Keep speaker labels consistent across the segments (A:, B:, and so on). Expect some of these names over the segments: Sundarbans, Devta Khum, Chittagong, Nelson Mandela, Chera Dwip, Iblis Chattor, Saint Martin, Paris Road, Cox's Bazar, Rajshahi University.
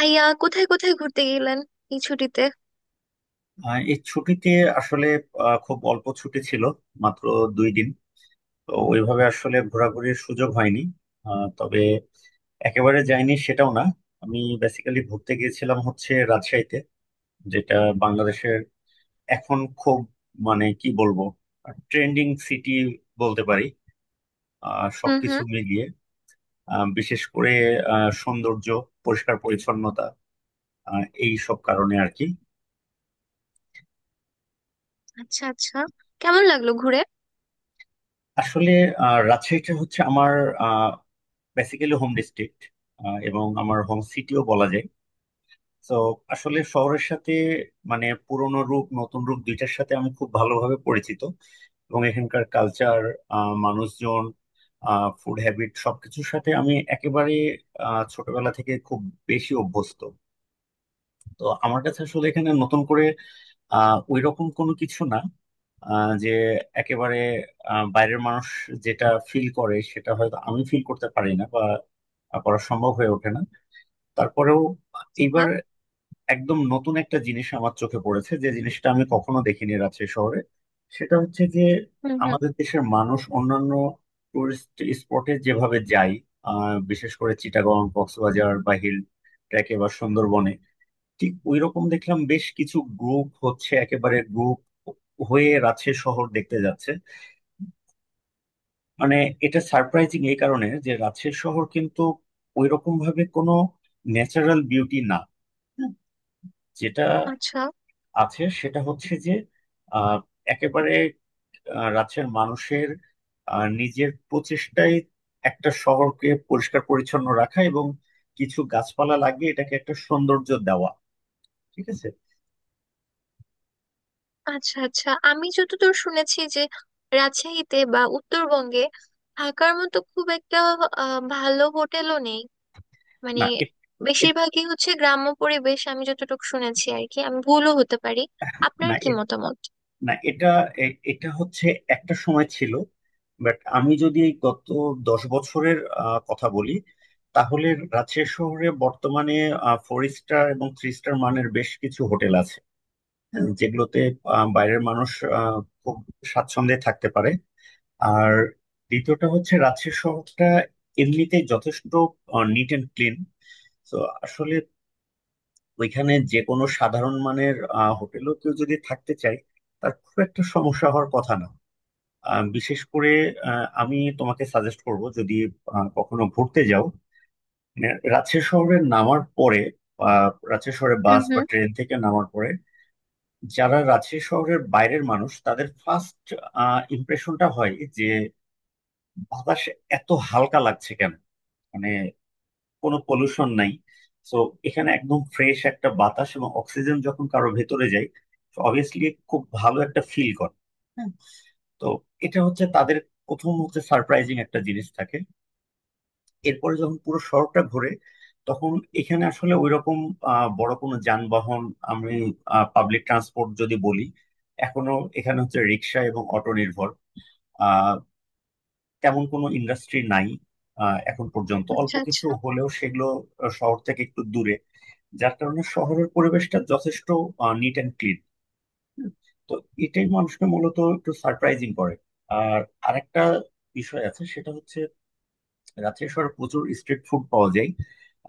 A: আইয়া কোথায় কোথায় ঘুরতে গেলেন এই ছুটিতে?
B: এই ছুটিতে আসলে খুব অল্প ছুটি ছিল, মাত্র 2 দিন। তো ওইভাবে আসলে ঘোরাঘুরির সুযোগ হয়নি। তবে একেবারে যাইনি সেটাও না। আমি বেসিক্যালি ঘুরতে গিয়েছিলাম হচ্ছে রাজশাহীতে, যেটা বাংলাদেশের এখন খুব, মানে কি বলবো, ট্রেন্ডিং সিটি বলতে পারি,
A: হুম
B: সবকিছু
A: হুম।
B: মিলিয়ে। বিশেষ করে সৌন্দর্য, পরিষ্কার পরিচ্ছন্নতা, এই সব কারণে আর কি।
A: আচ্ছা, আচ্ছা। কেমন লাগলো ঘুরে?
B: আসলে রাজশাহীটা হচ্ছে আমার বেসিক্যালি হোম ডিস্ট্রিক্ট, এবং আমার হোম সিটিও বলা যায়। তো আসলে শহরের সাথে, মানে পুরনো রূপ নতুন রূপ দুইটার সাথে আমি খুব ভালোভাবে পরিচিত। এবং এখানকার কালচার, মানুষজন, ফুড হ্যাবিট সবকিছুর সাথে আমি একেবারে ছোটবেলা থেকে খুব বেশি অভ্যস্ত। তো আমার কাছে আসলে এখানে নতুন করে ওই রকম কোনো কিছু না, যে একেবারে বাইরের মানুষ যেটা ফিল করে সেটা হয়তো আমি ফিল করতে পারি না, বা করা সম্ভব হয়ে ওঠে না। তারপরেও এইবার
A: হ্যাঁ।
B: একদম নতুন একটা জিনিস আমার চোখে পড়েছে, যে জিনিসটা আমি কখনো দেখিনি রাজশাহী শহরে। সেটা হচ্ছে যে,
A: হুম হুম।
B: আমাদের দেশের মানুষ অন্যান্য টুরিস্ট স্পটে যেভাবে যায়, বিশেষ করে চিটাগং, কক্সবাজার বা হিল ট্রেকে বা সুন্দরবনে, ঠিক ওই রকম দেখলাম বেশ কিছু গ্রুপ হচ্ছে, একেবারে গ্রুপ হয়ে রাজশাহী শহর দেখতে যাচ্ছে। মানে এটা সারপ্রাইজিং এই কারণে যে রাজশাহী শহর কিন্তু ওই রকম ভাবে কোনো ন্যাচারাল বিউটি না। হুম, যেটা
A: আচ্ছা,
B: আছে সেটা হচ্ছে যে আহ, একেবারে রাজ্যের মানুষের নিজের প্রচেষ্টায় একটা শহরকে পরিষ্কার পরিচ্ছন্ন রাখা, এবং কিছু গাছপালা লাগিয়ে এটাকে একটা সৌন্দর্য দেওয়া। ঠিক আছে।
A: আচ্ছা, আচ্ছা। আমি যতদূর শুনেছি যে রাজশাহীতে বা উত্তরবঙ্গে থাকার মতো খুব একটা ভালো হোটেলও নেই। মানে,
B: না, এ-
A: বেশিরভাগই হচ্ছে গ্রাম্য পরিবেশ, আমি যতটুকু শুনেছি আর কি। আমি ভুলও হতে পারি। আপনার
B: না
A: কি মতামত?
B: না এটা, এটা হচ্ছে একটা সময় ছিল। বাট আমি যদি এই গত 10 বছরের কথা বলি, তাহলে রাজশাহী শহরে বর্তমানে 4 স্টার এবং 3 স্টার মানের বেশ কিছু হোটেল আছে, যেগুলোতে বাইরের মানুষ আহ, খুব স্বাচ্ছন্দ্যে থাকতে পারে। আর দ্বিতীয়টা হচ্ছে রাজশাহী শহরটা এমনিতেই যথেষ্ট নিট অ্যান্ড ক্লিন। তো আসলে ওইখানে যে কোনো সাধারণ মানের হোটেলও কেউ যদি থাকতে চায়, তার খুব একটা সমস্যা হওয়ার কথা না। বিশেষ করে আমি তোমাকে সাজেস্ট করব, যদি কখনো ঘুরতে যাও মানে রাজশাহী শহরে নামার পরে, রাজশাহী শহরে
A: হুম
B: বাস বা
A: হুম।
B: ট্রেন থেকে নামার পরে, যারা রাজশাহী শহরের বাইরের মানুষ তাদের ফার্স্ট ইমপ্রেশনটা হয় যে, বাতাস এত হালকা লাগছে কেন, মানে কোনো পলিউশন নাই। তো এখানে একদম ফ্রেশ একটা বাতাস এবং অক্সিজেন যখন কারো ভেতরে যায়, অবভিয়াসলি খুব ভালো একটা ফিল করে। হ্যাঁ। তো এটা হচ্ছে তাদের প্রথম হচ্ছে সারপ্রাইজিং একটা জিনিস থাকে। এরপরে যখন পুরো শহরটা ঘোরে, তখন এখানে আসলে ওইরকম বড় কোনো যানবাহন, আমি পাবলিক ট্রান্সপোর্ট যদি বলি, এখনো এখানে হচ্ছে রিক্সা এবং অটো নির্ভর। আহ তেমন কোনো ইন্ডাস্ট্রি নাই, এখন পর্যন্ত অল্প
A: আচ্ছা,
B: কিছু
A: আচ্ছা।
B: হলেও সেগুলো শহর থেকে একটু দূরে। যার কারণে শহরের পরিবেশটা যথেষ্ট নিট অ্যান্ড ক্লিন। তো এটাই মানুষকে মূলত একটু সারপ্রাইজিং করে। আর আরেকটা বিষয় আছে সেটা হচ্ছে, রাজশাহী শহরে প্রচুর স্ট্রিট ফুড পাওয়া যায়,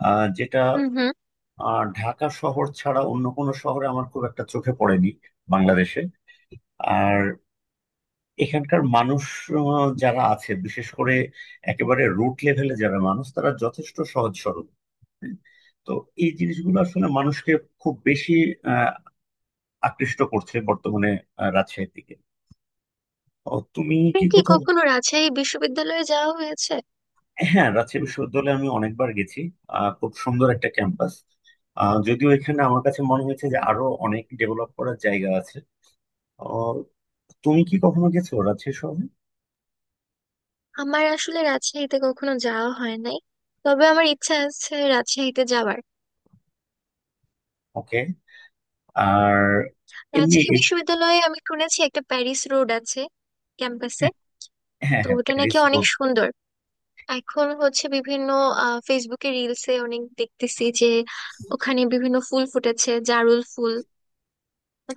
B: যেটা
A: হুম হুম।
B: ঢাকা শহর ছাড়া অন্য কোনো শহরে আমার খুব একটা চোখে পড়েনি বাংলাদেশে। আর এখানকার মানুষ, যারা আছে বিশেষ করে একেবারে রুট লেভেলে যারা মানুষ, তারা যথেষ্ট সহজ সরল। হ্যাঁ। তো এই জিনিসগুলো আসলে মানুষকে খুব বেশি আহ, আকৃষ্ট করছে বর্তমানে, রাজশাহীর দিকে। ও, তুমি
A: আপনার
B: কি
A: কি
B: কোথাও।
A: কখনো রাজশাহী বিশ্ববিদ্যালয়ে যাওয়া হয়েছে?
B: হ্যাঁ, রাজশাহী বিশ্ববিদ্যালয়ে আমি অনেকবার গেছি। খুব সুন্দর একটা ক্যাম্পাস, যদিও এখানে আমার কাছে মনে হয়েছে যে আরো অনেক ডেভেলপ করার জায়গা আছে। আহ, তুমি কি কখনো গেছো রাজশাহী শহরে?
A: আমার আসলে রাজশাহীতে কখনো যাওয়া হয় নাই, তবে আমার ইচ্ছা আছে রাজশাহীতে যাওয়ার।
B: ওকে। আর এমনি।
A: রাজশাহী বিশ্ববিদ্যালয়ে আমি শুনেছি একটা প্যারিস রোড আছে ক্যাম্পাসে।
B: হ্যাঁ, হ্যাঁ,
A: তো
B: হ্যাঁ,
A: ওটা নাকি
B: প্যারিস
A: অনেক
B: রোড।
A: সুন্দর। এখন হচ্ছে বিভিন্ন ফেসবুকে রিলসে অনেক দেখতেছি যে ওখানে বিভিন্ন ফুল ফুটেছে। জারুল ফুল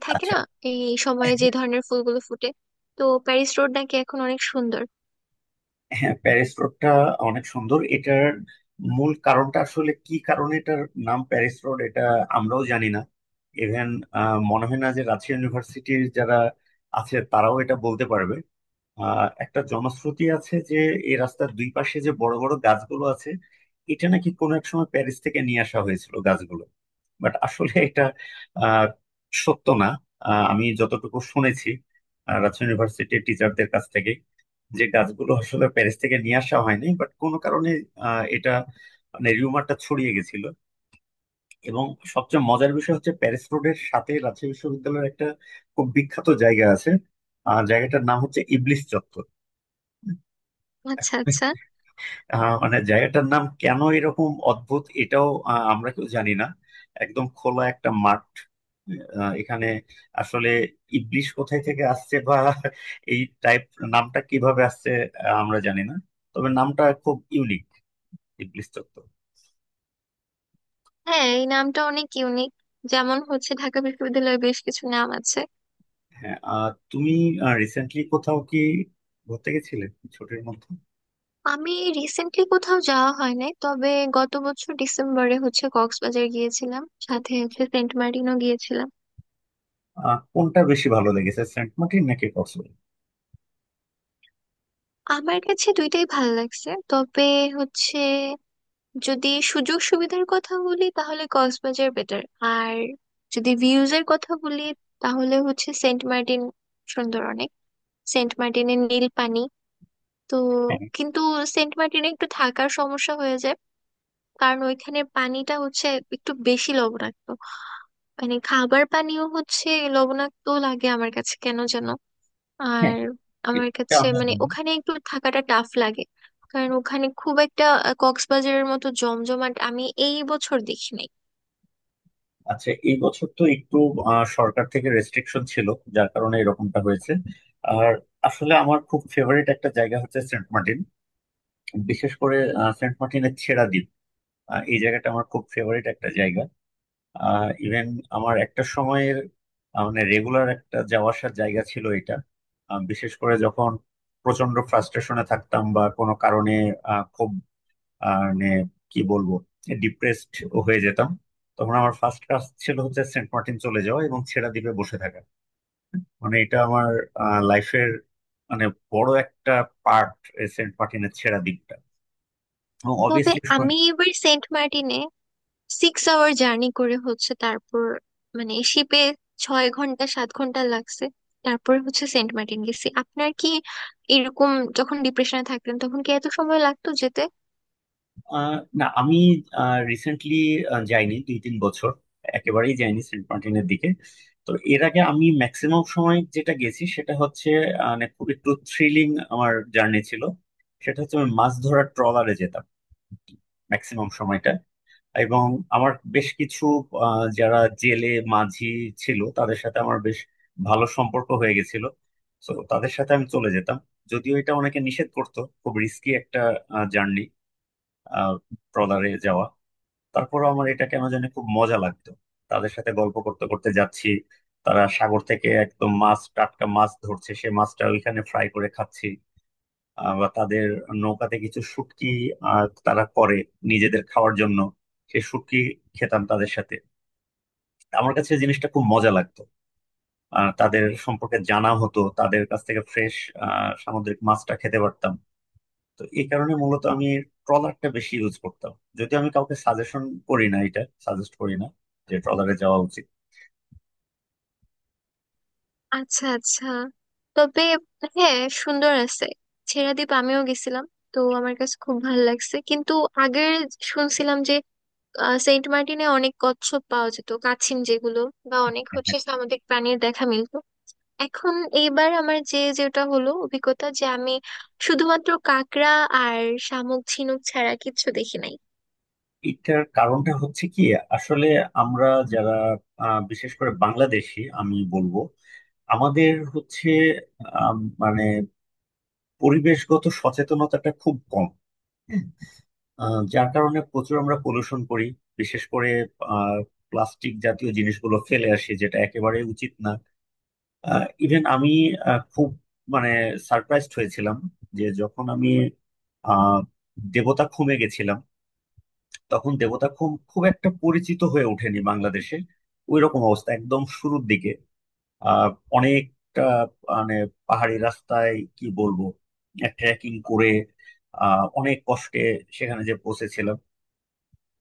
A: থাকে
B: আচ্ছা।
A: না, এই সময়ে যে ধরনের ফুলগুলো ফুটে? তো প্যারিস রোড নাকি এখন অনেক সুন্দর।
B: হ্যাঁ, প্যারিস রোডটা অনেক সুন্দর। এটার মূল কারণটা আসলে কি কারণে এটার নাম প্যারিস রোড, এটা আমরাও জানি না। ইভেন মনে হয় না যে রাজশাহী ইউনিভার্সিটির যারা আছে তারাও এটা বলতে পারবে। একটা জনশ্রুতি আছে যে এই রাস্তার দুই পাশে যে বড় বড় গাছগুলো আছে, এটা নাকি কোনো এক সময় প্যারিস থেকে নিয়ে আসা হয়েছিল গাছগুলো। বাট আসলে এটা আহ সত্য না। আমি যতটুকু শুনেছি রাজশাহী ইউনিভার্সিটির টিচারদের কাছ থেকে, যে গাছগুলো আসলে প্যারিস থেকে নিয়ে আসা হয়নি, বাট কোনো কারণে এটা মানে রিউমারটা ছড়িয়ে গেছিল। এবং সবচেয়ে মজার বিষয় হচ্ছে, প্যারিস রোডের সাথে রাজশাহী বিশ্ববিদ্যালয়ের একটা খুব বিখ্যাত জায়গা আছে। জায়গাটার নাম হচ্ছে ইবলিস চত্বর।
A: আচ্ছা, আচ্ছা।
B: মানে জায়গাটার নাম কেন এরকম অদ্ভুত এটাও আমরা কেউ জানি না। একদম খোলা একটা মাঠ। এখানে আসলে ইবলিশ কোথায় থেকে আসছে, বা এই টাইপ নামটা কিভাবে আসছে, আমরা জানি না। তবে নামটা খুব ইউনিক, ইবলিশ চত্বর।
A: হ্যাঁ, এই নামটা অনেক ইউনিক। যেমন হচ্ছে ঢাকা বিশ্ববিদ্যালয়ে বেশ কিছু নাম আছে।
B: হ্যাঁ। তুমি রিসেন্টলি কোথাও কি ঘুরতে গেছিলে ছুটির মধ্যে?
A: আমি রিসেন্টলি কোথাও যাওয়া হয় নাই, তবে গত বছর ডিসেম্বরে হচ্ছে কক্সবাজার গিয়েছিলাম, সাথে হচ্ছে সেন্ট মার্টিনও গিয়েছিলাম।
B: কোনটা বেশি ভালো লেগেছে, সেন্ট মার্টিন নাকি কক্সবাজার?
A: আমার কাছে দুইটাই ভালো লাগছে, তবে হচ্ছে যদি সুযোগ সুবিধার কথা বলি তাহলে কক্সবাজার বেটার। আর যদি ভিউজ এর কথা বলি তাহলে হচ্ছে সেন্ট মার্টিন সুন্দর অনেক, সেন্ট মার্টিনের নীল পানি, তো।
B: হ্যাঁ,
A: কিন্তু সেন্ট মার্টিনে একটু থাকার সমস্যা হয়ে যায়, কারণ ওইখানে পানিটা হচ্ছে একটু বেশি লবণাক্ত। মানে খাবার পানীয় হচ্ছে লবণাক্ত লাগে আমার কাছে কেন যেন।
B: হ্যাঁ।
A: আর আমার
B: এটা
A: কাছে
B: আমরা
A: মানে
B: জানি।
A: ওখানে একটু থাকাটা টাফ লাগে, কারণ ওখানে খুব একটা কক্সবাজারের মতো জমজমাট আমি এই বছর দেখি নাই।
B: আচ্ছা, এই বছর তো একটু সরকার থেকে রেস্ট্রিকশন ছিল, যার কারণে এরকমটা হয়েছে। আর আসলে আমার খুব ফেভারিট একটা জায়গা হচ্ছে সেন্ট মার্টিন, বিশেষ করে সেন্ট মার্টিনের ছেড়া দ্বীপ। এই জায়গাটা আমার খুব ফেভারিট একটা জায়গা। ইভেন আমার একটা সময়ের মানে রেগুলার একটা যাওয়া আসার জায়গা ছিল এটা। বিশেষ করে যখন প্রচন্ড ফ্রাস্ট্রেশনে থাকতাম, বা কোনো কারণে খুব, মানে কি বলবো, ডিপ্রেসড হয়ে যেতাম, তখন আমার ফার্স্ট কাজ ছিল হচ্ছে সেন্ট মার্টিন চলে যাওয়া এবং ছেড়া দ্বীপে বসে থাকা। মানে এটা আমার লাইফের মানে বড় একটা পার্ট, সেন্ট মার্টিনের ছেড়া দ্বীপটা,
A: তবে
B: অবভিয়াসলি।
A: আমি এবার সেন্ট মার্টিনে 6 আওয়ার জার্নি করে হচ্ছে তারপর, মানে শিপে 6 ঘন্টা 7 ঘন্টা লাগছে, তারপর হচ্ছে সেন্ট মার্টিন গেছি। আপনার কি এরকম, যখন ডিপ্রেশনে থাকতেন তখন কি এত সময় লাগতো যেতে?
B: না, আমি রিসেন্টলি যাইনি, 2-3 বছর একেবারেই যাইনি সেন্ট মার্টিনের দিকে। তো এর আগে আমি ম্যাক্সিমাম সময় যেটা গেছি সেটা হচ্ছে, মানে খুব একটু থ্রিলিং আমার জার্নি ছিল। সেটা হচ্ছে আমি মাছ ধরার ট্রলারে যেতাম ম্যাক্সিমাম সময়টা। এবং আমার বেশ কিছু যারা জেলে মাঝি ছিল তাদের সাথে আমার বেশ ভালো সম্পর্ক হয়ে গেছিল। তো তাদের সাথে আমি চলে যেতাম, যদিও এটা অনেকে নিষেধ করতো, খুব রিস্কি একটা জার্নি, ট্রলারে যাওয়া। তারপরে আমার এটা কেন জানি খুব মজা লাগতো। তাদের সাথে গল্প করতে করতে যাচ্ছি, তারা সাগর থেকে একদম মাছ টাটকা মাছ ধরছে, সে মাছটা ওইখানে ফ্রাই করে খাচ্ছি। বা তাদের নৌকাতে কিছু শুটকি তারা করে নিজেদের খাওয়ার জন্য, সেই শুটকি খেতাম তাদের সাথে। আমার কাছে জিনিসটা খুব মজা লাগতো। তাদের সম্পর্কে জানা হতো, তাদের কাছ থেকে ফ্রেশ সামুদ্রিক মাছটা খেতে পারতাম। তো এই কারণে মূলত আমি ট্রলারটা বেশি ইউজ করতাম। যদি আমি কাউকে সাজেশন করি, না এটা সাজেস্ট করি না যে ট্রলারে যাওয়া উচিত।
A: আচ্ছা, আচ্ছা। তবে হ্যাঁ, সুন্দর আছে, ছেড়া দ্বীপ আমিও গেছিলাম, তো আমার কাছে খুব ভালো লাগছে। কিন্তু আগে শুনছিলাম যে সেন্ট মার্টিনে অনেক কচ্ছপ পাওয়া যেত, কাছিম, যেগুলো বা অনেক হচ্ছে
B: হ্যাঁ।
A: সামুদ্রিক প্রাণীর দেখা মিলতো এখন। এইবার আমার যেটা হলো অভিজ্ঞতা যে আমি শুধুমাত্র কাঁকড়া আর শামুক ঝিনুক ছাড়া কিচ্ছু দেখি নাই।
B: এটার কারণটা হচ্ছে কি? আসলে আমরা যারা বিশেষ করে বাংলাদেশি, আমি বলবো, আমাদের হচ্ছে আম, মানে পরিবেশগত সচেতনতাটা খুব কম। যার কারণে প্রচুর আমরা পলিউশন করি, বিশেষ করে প্লাস্টিক জাতীয় জিনিসগুলো ফেলে আসি, যেটা একেবারে উচিত না। ইভেন আমি খুব, মানে সারপ্রাইজড হয়েছিলাম যে যখন আমি আহ দেবতা খুমে গেছিলাম, তখন দেবতা খুম খুব একটা পরিচিত হয়ে ওঠেনি বাংলাদেশে, ওই রকম অবস্থা একদম শুরুর দিকে। আহ অনেক, মানে পাহাড়ি রাস্তায়, কি বলবো, ট্রেকিং করে অনেক কষ্টে সেখানে যে পৌঁছেছিলাম।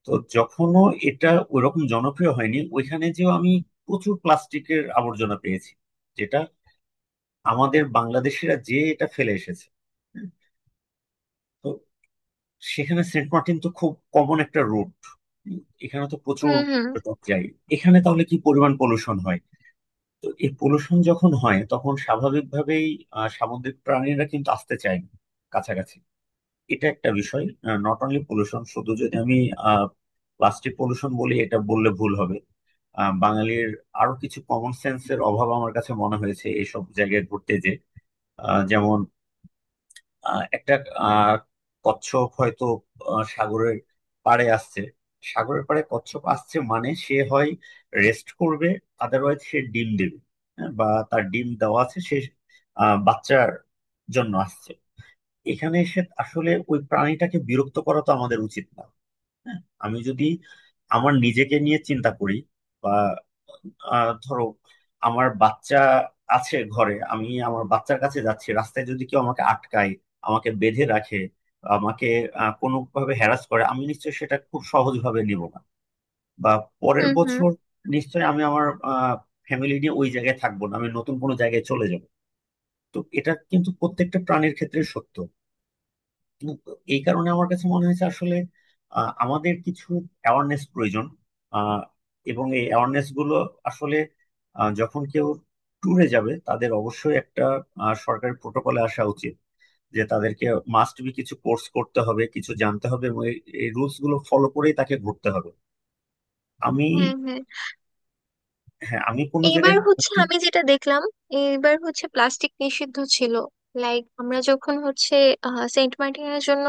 B: তো যখনও এটা ওইরকম জনপ্রিয় হয়নি, ওইখানে যেও আমি প্রচুর প্লাস্টিকের আবর্জনা পেয়েছি, যেটা আমাদের বাংলাদেশিরা যে এটা ফেলে এসেছে। হুম, তো সেখানে সেন্ট মার্টিন তো খুব কমন একটা রুট, এখানে তো প্রচুর
A: হুম হুম।
B: পর্যটক যায়, এখানে তাহলে কি পরিমাণ পলিউশন হয়। তো এই পলুশন যখন হয় তখন স্বাভাবিকভাবেই সামুদ্রিক প্রাণীরা কিন্তু আসতে চায় না কাছাকাছি। এটা একটা বিষয়। নট অনলি পলুশন, শুধু যদি আমি প্লাস্টিক পলুশন বলি এটা বললে ভুল হবে। বাঙালির আরো কিছু কমন সেন্সের অভাব আমার কাছে মনে হয়েছে এইসব জায়গায় ঘুরতে, যে যেমন একটা আহ, কচ্ছপ হয়তো সাগরের পাড়ে আসছে। সাগরের পাড়ে কচ্ছপ আসছে মানে সে হয় রেস্ট করবে, আদারওয়াইজ সে ডিম দেবে। হ্যাঁ, বা তার ডিম দেওয়া আছে, সে বাচ্চার জন্য আসছে। এখানে এসে আসলে ওই প্রাণীটাকে বিরক্ত করা তো আমাদের উচিত না। হ্যাঁ। আমি যদি আমার নিজেকে নিয়ে চিন্তা করি, বা ধরো আমার বাচ্চা আছে ঘরে, আমি আমার বাচ্চার কাছে যাচ্ছি, রাস্তায় যদি কেউ আমাকে আটকায়, আমাকে বেঁধে রাখে, আমাকে কোনোভাবে হ্যারাস করে, আমি নিশ্চয়ই সেটা খুব সহজভাবে নিব না। বা পরের
A: হুম হুম।
B: বছর নিশ্চয়ই আমি আমার ফ্যামিলি নিয়ে ওই জায়গায় থাকবো না, আমি নতুন কোনো জায়গায় চলে যাব। তো এটা কিন্তু প্রত্যেকটা প্রাণীর ক্ষেত্রে সত্য। কিন্তু এই কারণে আমার কাছে মনে হয়েছে আসলে আমাদের কিছু অ্যাওয়ারনেস প্রয়োজন। আহ, এবং এই অ্যাওয়ারনেস গুলো আসলে যখন কেউ ট্যুরে যাবে তাদের অবশ্যই একটা সরকারি প্রোটোকলে আসা উচিত। যে তাদেরকে মাস্ট বি কিছু কোর্স করতে হবে, কিছু জানতে হবে, এবং এই রুলস গুলো ফলো করেই তাকে ঘুরতে হবে। আমি
A: হ্যাঁ, হ্যাঁ।
B: হ্যাঁ, আমি কোনো
A: এইবার
B: জায়গায়
A: হচ্ছে
B: ঘুরতে।
A: আমি যেটা দেখলাম, এইবার হচ্ছে প্লাস্টিক নিষিদ্ধ ছিল। লাইক আমরা যখন হচ্ছে সেন্ট মার্টিনের জন্য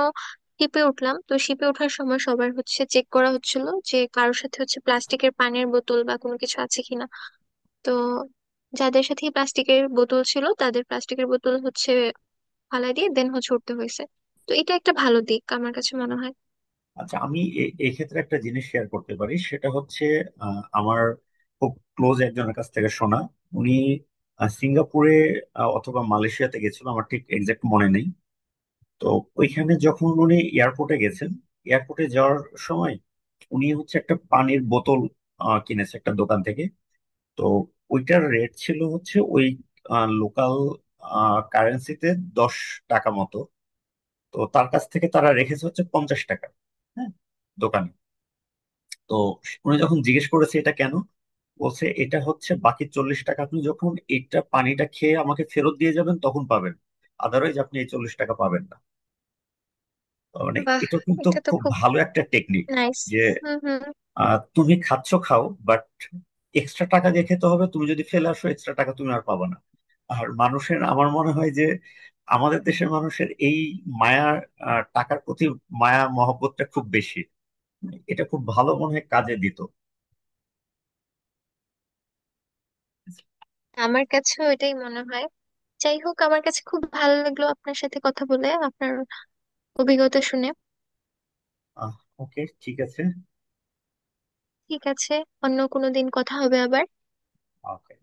A: শিপে উঠলাম, তো শিপে ওঠার সময় সবার হচ্ছে চেক করা হচ্ছিল যে কারোর সাথে হচ্ছে প্লাস্টিকের পানির বোতল বা কোনো কিছু আছে কিনা। তো যাদের সাথে প্লাস্টিকের বোতল ছিল তাদের প্লাস্টিকের বোতল হচ্ছে ফালাই দিয়ে দেন হচ্ছে উঠতে হয়েছে। তো এটা একটা ভালো দিক আমার কাছে মনে হয়।
B: আচ্ছা, আমি এক্ষেত্রে একটা জিনিস শেয়ার করতে পারি, সেটা হচ্ছে, আমার খুব ক্লোজ একজনের কাছ থেকে শোনা। উনি সিঙ্গাপুরে অথবা মালয়েশিয়াতে গেছিল, আমার ঠিক এক্সাক্ট মনে নেই। তো ওইখানে যখন উনি এয়ারপোর্টে গেছেন, এয়ারপোর্টে যাওয়ার সময়, উনি হচ্ছে একটা পানির বোতল কিনেছে একটা দোকান থেকে। তো ওইটার রেট ছিল হচ্ছে ওই লোকাল কারেন্সিতে 10 টাকা মতো। তো তার কাছ থেকে তারা রেখেছে হচ্ছে 50 টাকা। হ্যাঁ, দোকানে। তো উনি যখন জিজ্ঞেস করেছে এটা কেন, বলছে এটা হচ্ছে বাকি 40 টাকা, আপনি যখন এটা পানিটা খেয়ে আমাকে ফেরত দিয়ে যাবেন তখন পাবেন, আদারওয়াইজ আপনি এই 40 টাকা পাবেন না। তার মানে
A: বাহ!
B: এটা কিন্তু
A: এটা তো
B: খুব
A: খুব
B: ভালো একটা টেকনিক,
A: নাইস।
B: যে
A: হুম হুম।
B: তুমি খাচ্ছ খাও, বাট এক্সট্রা টাকা দিয়ে খেতে হবে, তুমি যদি ফেলে আসো এক্সট্রা টাকা তুমি আর পাবে না। আর মানুষের আমার মনে হয় যে, আমাদের দেশের মানুষের এই মায়া, টাকার প্রতি মায়া মহব্বতটা খুব বেশি। এটা খুব ভালো মনে হয় কাজে দিত।
A: আমার কাছেও এটাই মনে হয়। যাই হোক, আমার কাছে খুব ভালো লাগলো আপনার সাথে কথা বলে, আপনার অভিজ্ঞতা শুনে।
B: আহ ওকে। ঠিক আছে।
A: ঠিক আছে, অন্য কোনো দিন কথা হবে আবার।
B: ওকে।